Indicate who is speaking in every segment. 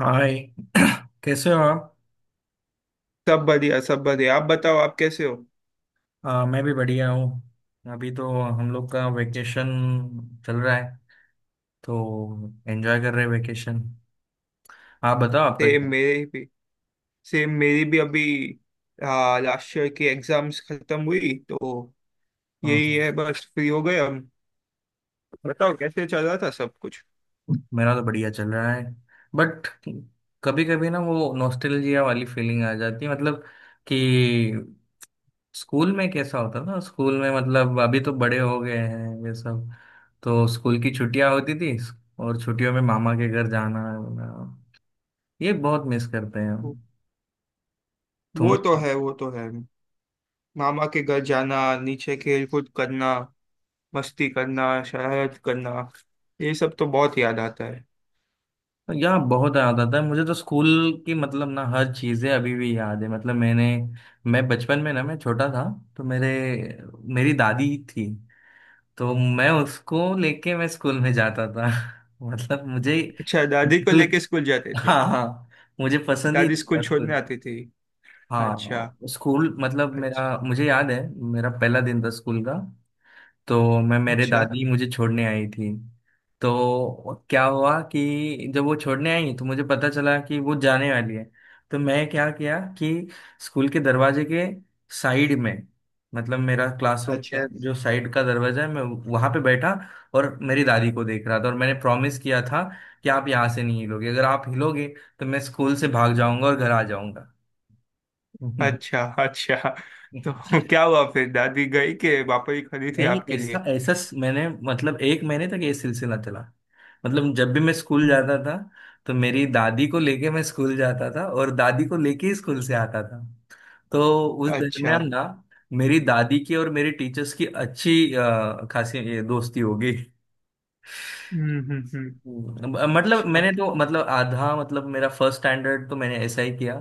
Speaker 1: हाय। कैसे हो आप।
Speaker 2: सब बढ़िया सब बढ़िया। आप बताओ, आप कैसे हो?
Speaker 1: मैं भी बढ़िया हूँ। अभी तो हम लोग का वेकेशन चल रहा है। तो एंजॉय कर रहे हैं वेकेशन। आप बताओ आपका
Speaker 2: सेम
Speaker 1: क्या।
Speaker 2: मेरे भी सेम मेरी भी अभी। हाँ, लास्ट ईयर की एग्जाम्स खत्म हुई, तो
Speaker 1: हाँ
Speaker 2: यही
Speaker 1: हाँ।
Speaker 2: है, बस फ्री हो गए हम। बताओ, कैसे चल रहा था सब कुछ?
Speaker 1: मेरा तो बढ़िया चल रहा है। बट कभी कभी ना वो नॉस्टैल्जिया वाली फीलिंग आ जाती है। मतलब कि स्कूल में कैसा होता ना, स्कूल में मतलब अभी तो बड़े हो गए हैं ये सब। तो स्कूल की छुट्टियां होती थी और छुट्टियों में मामा के घर जाना, ये बहुत मिस करते हैं हम।
Speaker 2: वो
Speaker 1: तुम।
Speaker 2: वो तो है, वो तो है। मामा के घर जाना, नीचे खेल कूद करना, मस्ती करना, शरारत करना, ये सब तो बहुत याद आता है।
Speaker 1: यार बहुत याद आता है मुझे तो स्कूल की। मतलब ना हर चीजें अभी भी याद है। मतलब मैं बचपन में ना, मैं छोटा था। तो मेरे मेरी दादी थी, तो मैं उसको लेके मैं स्कूल में जाता था। मतलब मुझे
Speaker 2: अच्छा, दादी को
Speaker 1: बिल्कुल-
Speaker 2: लेके स्कूल जाते थे?
Speaker 1: हाँ हाँ, मुझे पसंद ही
Speaker 2: दादी स्कूल
Speaker 1: था
Speaker 2: छोड़ने
Speaker 1: स्कूल।
Speaker 2: आती थी? अच्छा,
Speaker 1: हाँ, स्कूल मतलब मेरा,
Speaker 2: अच्छा।
Speaker 1: मुझे याद है मेरा पहला दिन था स्कूल का। तो मैं मेरे
Speaker 2: अच्छा,
Speaker 1: दादी मुझे छोड़ने आई थी। तो क्या हुआ कि जब वो छोड़ने आई तो मुझे पता चला कि वो जाने वाली है। तो मैं क्या किया कि स्कूल के दरवाजे के साइड में, मतलब मेरा क्लासरूम
Speaker 2: अच्छा,
Speaker 1: के जो साइड का दरवाजा है, मैं वहां पे बैठा और मेरी दादी को देख रहा था, और मैंने प्रॉमिस किया था कि आप यहाँ से नहीं हिलोगे, अगर आप हिलोगे तो मैं स्कूल से भाग जाऊंगा और घर आ जाऊंगा।
Speaker 2: अच्छा, अच्छा। तो क्या हुआ फिर, दादी गई कि पापा ही खरीदी थी
Speaker 1: नहीं,
Speaker 2: आपके
Speaker 1: ऐसा
Speaker 2: लिए?
Speaker 1: ऐसा मैंने, मतलब, एक महीने तक ये सिलसिला चला। मतलब जब भी मैं स्कूल
Speaker 2: हम्म।
Speaker 1: जाता था तो मेरी दादी को लेके मैं स्कूल जाता था, और दादी को लेके ही स्कूल से आता था। तो उस
Speaker 2: अच्छा।
Speaker 1: दरमियान ना मेरी दादी की और मेरे टीचर्स की अच्छी खासी ये दोस्ती होगी।
Speaker 2: हम्म, हम्म, हम्म।
Speaker 1: मतलब
Speaker 2: अच्छा।
Speaker 1: मैंने तो मतलब आधा मतलब मेरा फर्स्ट स्टैंडर्ड तो मैंने ऐसा ही किया।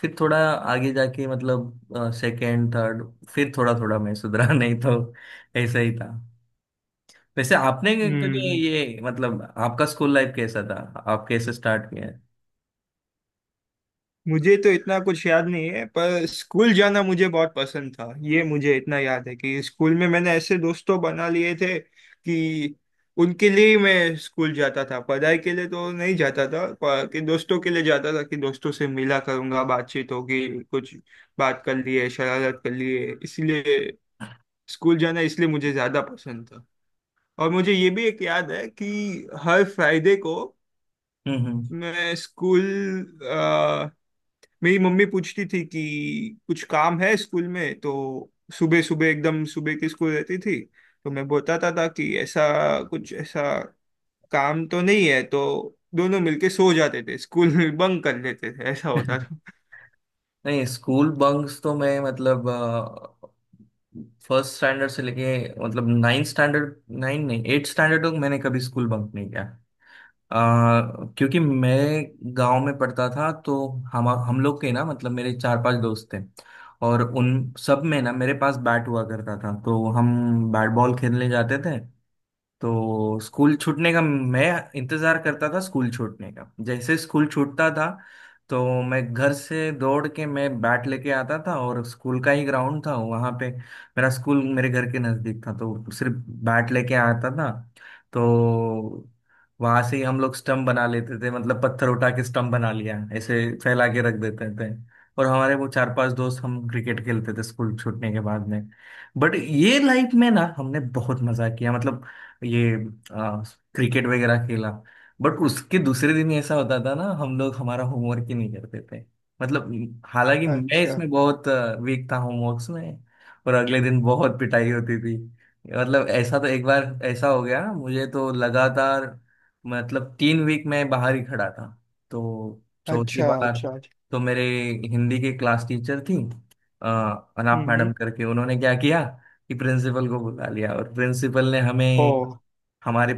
Speaker 1: फिर थोड़ा आगे जाके मतलब सेकेंड थर्ड, फिर थोड़ा थोड़ा मैं सुधरा। नहीं तो ऐसा ही था। वैसे आपने कभी
Speaker 2: हम्म।
Speaker 1: ये, मतलब, आपका स्कूल लाइफ कैसा था। आप कैसे स्टार्ट किया है।
Speaker 2: मुझे तो इतना कुछ याद नहीं है, पर स्कूल जाना मुझे बहुत पसंद था। ये मुझे इतना याद है कि स्कूल में मैंने ऐसे दोस्तों बना लिए थे कि उनके लिए ही मैं स्कूल जाता था। पढ़ाई के लिए तो नहीं जाता था, पर कि दोस्तों के लिए जाता था कि दोस्तों से मिला करूंगा, बातचीत होगी, कुछ बात कर लिए, शरारत कर लिए, इसलिए स्कूल जाना इसलिए मुझे ज्यादा पसंद था। और मुझे ये भी एक याद है कि हर फ्राइडे को
Speaker 1: हम्म
Speaker 2: मैं स्कूल अ, मेरी मम्मी पूछती थी कि कुछ काम है स्कूल में, तो सुबह सुबह, एकदम सुबह की स्कूल रहती थी, तो मैं बताता था कि ऐसा कुछ ऐसा काम तो नहीं है, तो दोनों मिलके सो जाते थे, स्कूल में बंक कर लेते थे, ऐसा होता
Speaker 1: हम्म।
Speaker 2: था।
Speaker 1: नहीं, स्कूल बंक्स तो मैं, मतलब, फर्स्ट स्टैंडर्ड से लेके मतलब नाइन्थ स्टैंडर्ड, नाइन नहीं, एट स्टैंडर्ड तक मैंने कभी स्कूल बंक नहीं किया। क्योंकि मैं गांव में पढ़ता था। तो हम लोग के ना मतलब मेरे चार पांच दोस्त थे, और उन सब में ना मेरे पास बैट हुआ करता था। तो हम बैट बॉल खेलने जाते थे। तो स्कूल छूटने का मैं इंतजार करता था स्कूल छूटने का। जैसे स्कूल छूटता था तो मैं घर से दौड़ के मैं बैट लेके आता था, और स्कूल का ही ग्राउंड था वहाँ पे, मेरा स्कूल मेरे घर के नज़दीक था तो सिर्फ बैट लेके आता था। तो वहाँ से ही हम लोग स्टंप बना लेते थे, मतलब पत्थर उठा के स्टंप बना लिया ऐसे फैला के रख देते थे, और हमारे वो चार पांच दोस्त हम क्रिकेट खेलते थे स्कूल छूटने के बाद में। बट ये लाइफ में ना हमने बहुत मजा किया, मतलब ये आ, क्रिकेट वगैरह खेला। बट उसके दूसरे दिन ऐसा होता था ना, हम लोग हमारा होमवर्क ही नहीं करते थे। मतलब हालांकि मैं
Speaker 2: अच्छा,
Speaker 1: इसमें बहुत वीक था होमवर्क्स में, और अगले दिन बहुत पिटाई होती थी। मतलब ऐसा तो एक बार ऐसा हो गया, मुझे तो लगातार मतलब 3 वीक मैं बाहर ही खड़ा था। तो चौथी
Speaker 2: अच्छा,
Speaker 1: बार
Speaker 2: अच्छा, अच्छा।
Speaker 1: तो मेरे हिंदी के क्लास टीचर थी, अ, अनाप
Speaker 2: हम्म, हम्म।
Speaker 1: मैडम करके, उन्होंने क्या किया कि प्रिंसिपल को बुला लिया, और प्रिंसिपल ने
Speaker 2: ओ।
Speaker 1: हमें, हमारे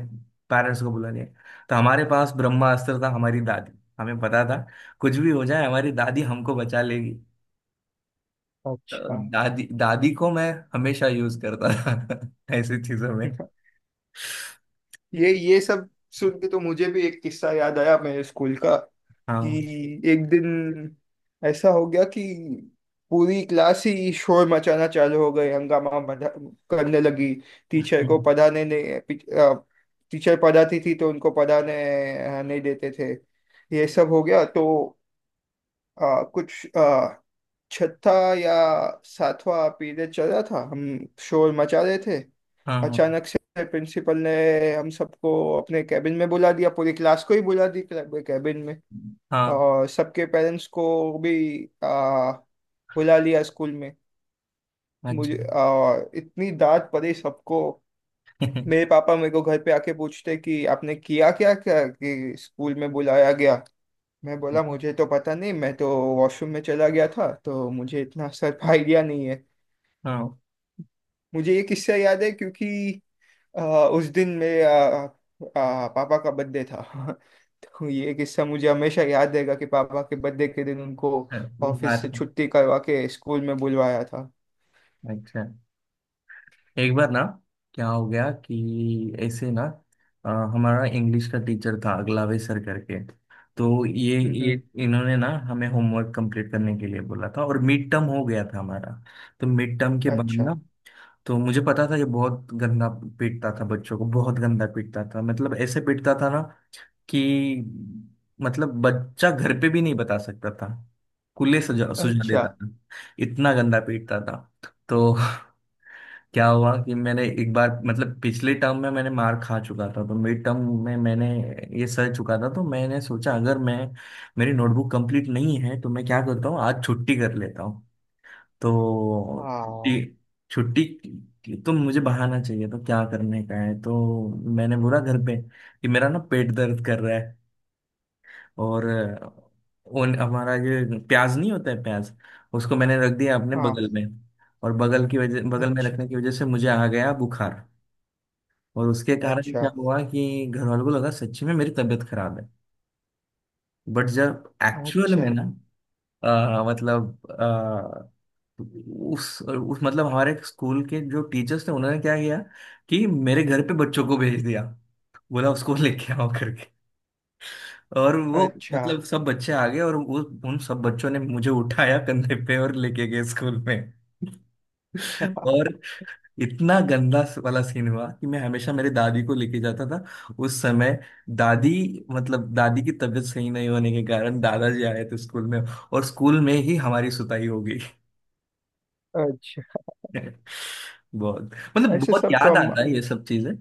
Speaker 1: पेरेंट्स को बुला लिया। तो हमारे पास ब्रह्मास्त्र था, हमारी दादी। हमें पता था कुछ भी हो जाए हमारी दादी हमको बचा लेगी। तो
Speaker 2: अच्छा।
Speaker 1: दादी दादी को मैं हमेशा यूज करता था ऐसी चीजों में।
Speaker 2: ये सब सुन के तो मुझे भी एक किस्सा याद आया मेरे स्कूल का
Speaker 1: हाँ
Speaker 2: कि एक दिन ऐसा हो गया कि पूरी क्लास ही शोर मचाना चालू हो गई, हंगामा करने लगी। टीचर को पढ़ाने नहीं, टीचर पढ़ाती थी तो उनको पढ़ाने नहीं देते थे। ये सब हो गया, तो कुछ छठा या सातवां पीरियड चल रहा था, हम शोर मचा रहे थे।
Speaker 1: हाँ हाँ
Speaker 2: अचानक से प्रिंसिपल ने हम सबको अपने कैबिन में बुला दिया, पूरी क्लास को ही बुला दी कैबिन में।
Speaker 1: हाँ,
Speaker 2: और सबके पेरेंट्स को भी बुला लिया स्कूल में।
Speaker 1: अच्छा।
Speaker 2: मुझे और इतनी डांट पड़ी सबको। मेरे पापा मेरे को घर पे आके पूछते कि आपने किया क्या, क्या कि स्कूल में बुलाया गया। मैं बोला मुझे तो पता नहीं, मैं तो वॉशरूम में चला गया था, तो मुझे इतना सब आइडिया नहीं है।
Speaker 1: हाँ,
Speaker 2: मुझे ये किस्सा याद है क्योंकि अ, उस दिन मेरे अ, पापा का बर्थडे था। तो ये किस्सा मुझे हमेशा याद रहेगा कि पापा के बर्थडे के दिन उनको
Speaker 1: मार।
Speaker 2: ऑफिस से छुट्टी करवा के स्कूल में बुलवाया था।
Speaker 1: अच्छा, एक बार ना क्या हो गया कि ऐसे ना, अ, हमारा इंग्लिश का टीचर था अगलावे सर करके। तो ये
Speaker 2: हम्म,
Speaker 1: ये
Speaker 2: हम्म।
Speaker 1: इन्होंने ना हमें होमवर्क कंप्लीट करने के लिए बोला था, और मिड टर्म हो गया था हमारा। तो मिड टर्म के बाद
Speaker 2: अच्छा,
Speaker 1: ना, तो मुझे पता था ये बहुत गंदा पीटता था बच्चों को, बहुत गंदा पीटता था। मतलब ऐसे पीटता था ना कि, मतलब, बच्चा घर पे भी नहीं बता सकता था। कुल्ले सजा सुझा
Speaker 2: अच्छा।
Speaker 1: देता था, इतना गंदा पीटता था। तो क्या हुआ कि मैंने एक बार, मतलब, पिछले टर्म में मैंने मार खा चुका था, तो मिड टर्म में मैंने ये सह चुका था। तो मैंने सोचा अगर मैं, मेरी नोटबुक कंप्लीट नहीं है तो मैं क्या करता हूँ, आज छुट्टी कर लेता हूँ। तो छुट्टी
Speaker 2: हाँ,
Speaker 1: छुट्टी तो मुझे बहाना चाहिए, तो क्या करने का है। तो मैंने बोला घर पे कि मेरा ना पेट दर्द कर रहा है, और उन हमारा ये प्याज नहीं होता है प्याज, उसको मैंने रख दिया अपने बगल
Speaker 2: हाँ।
Speaker 1: में। और बगल में
Speaker 2: अच्छा,
Speaker 1: रखने की वजह से मुझे आ गया बुखार, और उसके कारण
Speaker 2: अच्छा,
Speaker 1: क्या हुआ कि घर वालों को लगा सच्ची में मेरी तबीयत खराब है। बट जब एक्चुअल
Speaker 2: अच्छा,
Speaker 1: में ना, मतलब उस मतलब हमारे स्कूल के जो टीचर्स थे, उन्होंने क्या किया कि मेरे घर पे बच्चों को भेज दिया, बोला उसको लेके आओ करके। और वो,
Speaker 2: अच्छा,
Speaker 1: मतलब, सब बच्चे आ गए, और वो उन सब बच्चों ने मुझे उठाया कंधे पे और लेके गए स्कूल में। और इतना गंदा वाला सीन हुआ कि, मैं हमेशा मेरे दादी को लेके जाता था, उस समय दादी, मतलब दादी की तबीयत सही नहीं होने के कारण दादाजी आए थे स्कूल में, और स्कूल में ही हमारी सुताई हो गई।
Speaker 2: अच्छा।
Speaker 1: बहुत, मतलब,
Speaker 2: ऐसे
Speaker 1: बहुत
Speaker 2: सब तो
Speaker 1: याद
Speaker 2: हम
Speaker 1: आता है ये सब चीजें।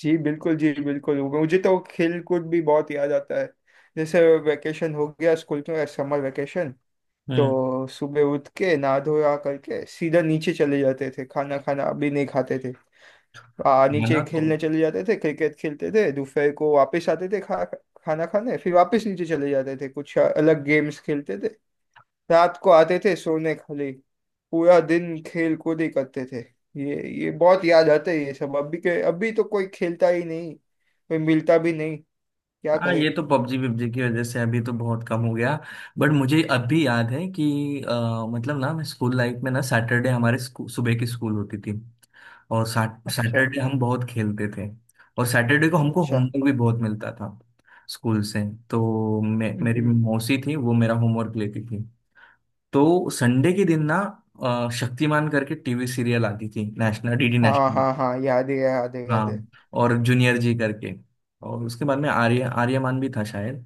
Speaker 2: जी बिल्कुल, जी बिल्कुल, मुझे तो खेल कूद भी बहुत याद आता है। जैसे वेकेशन हो गया स्कूल का, समर वेकेशन,
Speaker 1: हम्म,
Speaker 2: तो सुबह उठ के नहा धोया करके सीधा नीचे चले जाते थे, खाना खाना भी नहीं खाते थे,
Speaker 1: है
Speaker 2: नीचे
Speaker 1: ना तो।
Speaker 2: खेलने चले जाते थे, क्रिकेट खेलते थे, दोपहर को वापस आते थे खा खाना खाने, फिर वापस नीचे चले जाते थे, कुछ अलग गेम्स खेलते थे। रात को आते थे सोने खाली, पूरा दिन खेल कूद ही करते थे। ये बहुत याद आते हैं ये सब। अभी के अभी तो कोई खेलता ही नहीं, कोई मिलता भी नहीं, क्या
Speaker 1: हाँ,
Speaker 2: करे।
Speaker 1: ये तो पबजी पबजी की वजह से अभी तो बहुत कम हो गया। बट मुझे अब भी याद है कि, मतलब ना, मैं स्कूल लाइफ में ना सैटरडे हमारे सुबह की स्कूल होती थी, और
Speaker 2: अच्छा,
Speaker 1: सैटरडे हम बहुत खेलते थे। और सैटरडे को हमको
Speaker 2: अच्छा।
Speaker 1: होमवर्क भी बहुत मिलता था स्कूल से। तो मेरी
Speaker 2: हम्म।
Speaker 1: मौसी थी, वो मेरा होमवर्क लेती थी। तो संडे के दिन ना, शक्तिमान करके टीवी सीरियल आती थी, नेशनल डीडी
Speaker 2: हाँ,
Speaker 1: नेशनल।
Speaker 2: हाँ, हाँ, याद है, याद है, याद है।
Speaker 1: हाँ, और जूनियर जी करके, और उसके बाद में आर्यमान भी था शायद।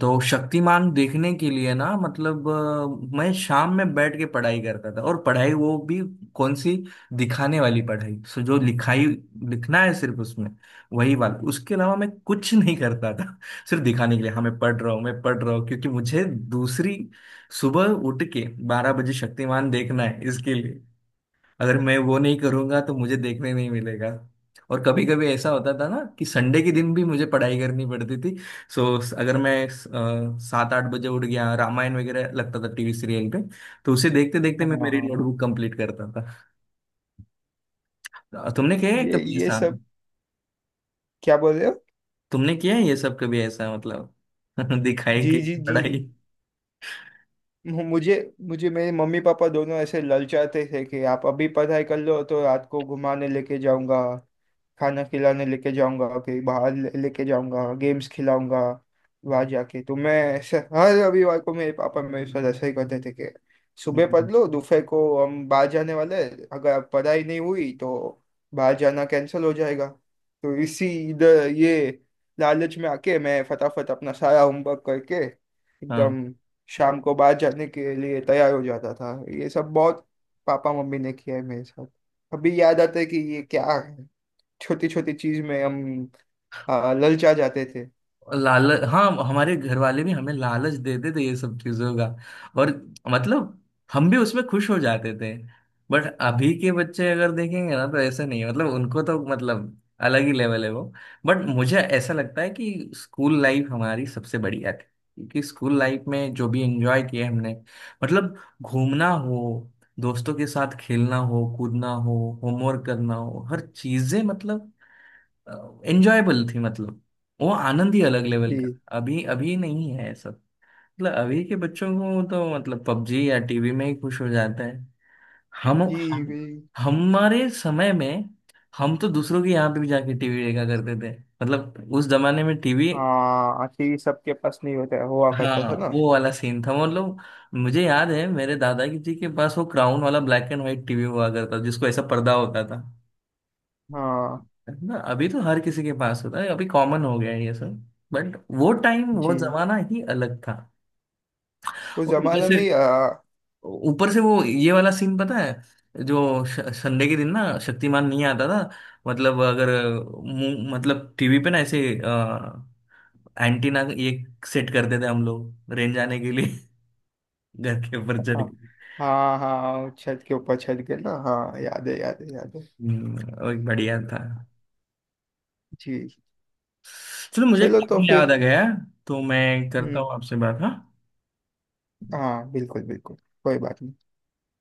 Speaker 1: तो शक्तिमान देखने के लिए ना, मतलब, मैं शाम में बैठ के पढ़ाई करता था, और पढ़ाई वो भी कौन सी, दिखाने वाली पढ़ाई, सो जो लिखाई लिखना है सिर्फ उसमें, वही वाला, उसके अलावा मैं कुछ नहीं करता था। सिर्फ दिखाने के लिए, हाँ मैं पढ़ रहा हूँ मैं पढ़ रहा हूँ, क्योंकि मुझे दूसरी सुबह उठ के 12 बजे शक्तिमान देखना है, इसके लिए, अगर मैं वो नहीं करूंगा तो मुझे देखने नहीं मिलेगा। और कभी कभी ऐसा होता था ना कि संडे के दिन भी मुझे पढ़ाई करनी पड़ती थी। सो अगर मैं 7-8 बजे उठ गया, रामायण वगैरह लगता था टीवी सीरियल पे, तो उसे देखते देखते
Speaker 2: हाँ,
Speaker 1: मैं मेरी
Speaker 2: हाँ।
Speaker 1: नोटबुक कंप्लीट करता था। तुमने किया है
Speaker 2: ये
Speaker 1: कभी
Speaker 2: ये
Speaker 1: ऐसा।
Speaker 2: सब क्या बोल रहे हो?
Speaker 1: तुमने किया है ये सब कभी ऐसा, मतलब, दिखाई
Speaker 2: जी,
Speaker 1: कि
Speaker 2: जी, जी।
Speaker 1: पढ़ाई।
Speaker 2: मु- मुझे मुझे मेरे मम्मी पापा दोनों ऐसे ललचाते थे कि आप अभी पढ़ाई कर लो तो रात को घुमाने लेके जाऊंगा, खाना खिलाने लेके जाऊंगा, कहीं बाहर लेके जाऊंगा, गेम्स खिलाऊंगा। वहां जाके तो मैं ऐसे हर रविवार को मेरे पापा मेरे साथ ऐसा ही करते थे कि सुबह
Speaker 1: हम्म,
Speaker 2: पढ़ लो, दोपहर को हम बाहर जाने वाले हैं, अगर पढ़ाई नहीं हुई तो बाहर जाना कैंसिल हो जाएगा। तो इसी इधर ये लालच में आके मैं फटाफट अपना सारा होमवर्क करके,
Speaker 1: हाँ,
Speaker 2: एकदम शाम को बाहर जाने के लिए तैयार हो जाता था। ये सब बहुत पापा मम्मी ने किया है मेरे साथ। अभी याद आता है कि ये क्या है, छोटी छोटी चीज में हम ललचा जाते थे।
Speaker 1: लालच, हाँ हमारे घर वाले भी हमें लालच देते थे ये सब चीजों का। और, मतलब, हम भी उसमें खुश हो जाते थे। बट अभी के बच्चे अगर देखेंगे ना तो ऐसा नहीं है, मतलब उनको तो मतलब अलग ही लेवल है वो। बट मुझे ऐसा लगता है कि स्कूल लाइफ हमारी सबसे बढ़िया थी, क्योंकि स्कूल लाइफ में जो भी एंजॉय किया हमने, मतलब, घूमना हो, दोस्तों के साथ खेलना हो, कूदना हो, होमवर्क करना हो, हर चीजें मतलब एंजॉयबल थी। मतलब वो आनंद ही अलग लेवल का,
Speaker 2: जी,
Speaker 1: अभी अभी नहीं है ऐसा। मतलब अभी के बच्चों को तो मतलब पबजी या टीवी में ही खुश हो जाता है। हम
Speaker 2: जी,
Speaker 1: हम
Speaker 2: जी।
Speaker 1: हमारे समय में हम तो दूसरों के यहाँ पे भी जाके टीवी देखा करते थे, मतलब उस जमाने में टीवी,
Speaker 2: हाँ, आखिर सबके पास नहीं होता है, हुआ करता था
Speaker 1: हाँ,
Speaker 2: ना।
Speaker 1: वो वाला सीन था, मतलब, मुझे याद है मेरे दादाजी जी के पास वो क्राउन वाला ब्लैक एंड व्हाइट टीवी हुआ करता जिसको ऐसा पर्दा होता था,
Speaker 2: हाँ।
Speaker 1: है ना। अभी तो हर किसी के पास होता है, अभी कॉमन हो गया है ये सब। बट वो टाइम, वो
Speaker 2: जी।
Speaker 1: जमाना ही अलग था।
Speaker 2: उस
Speaker 1: और ऊपर
Speaker 2: जमाने
Speaker 1: से
Speaker 2: में आ,
Speaker 1: ऊपर से वो ये वाला सीन पता है, जो संडे के दिन ना शक्तिमान नहीं आता था। मतलब अगर मतलब टीवी पे ना ऐसे एंटीना ये सेट करते थे हम लोग रेंज आने के लिए, घर के ऊपर चढ़
Speaker 2: हाँ,
Speaker 1: के।
Speaker 2: हाँ, हाँ, छत के ऊपर, छत के ना, हाँ याद है, याद है, याद है।
Speaker 1: और बढ़िया था।
Speaker 2: जी।
Speaker 1: चलो, मुझे
Speaker 2: चलो तो
Speaker 1: काफी
Speaker 2: फिर।
Speaker 1: याद आ गया। तो मैं करता
Speaker 2: हम्म।
Speaker 1: हूँ आपसे बात। हाँ।
Speaker 2: हाँ, बिल्कुल, बिल्कुल, कोई बात नहीं।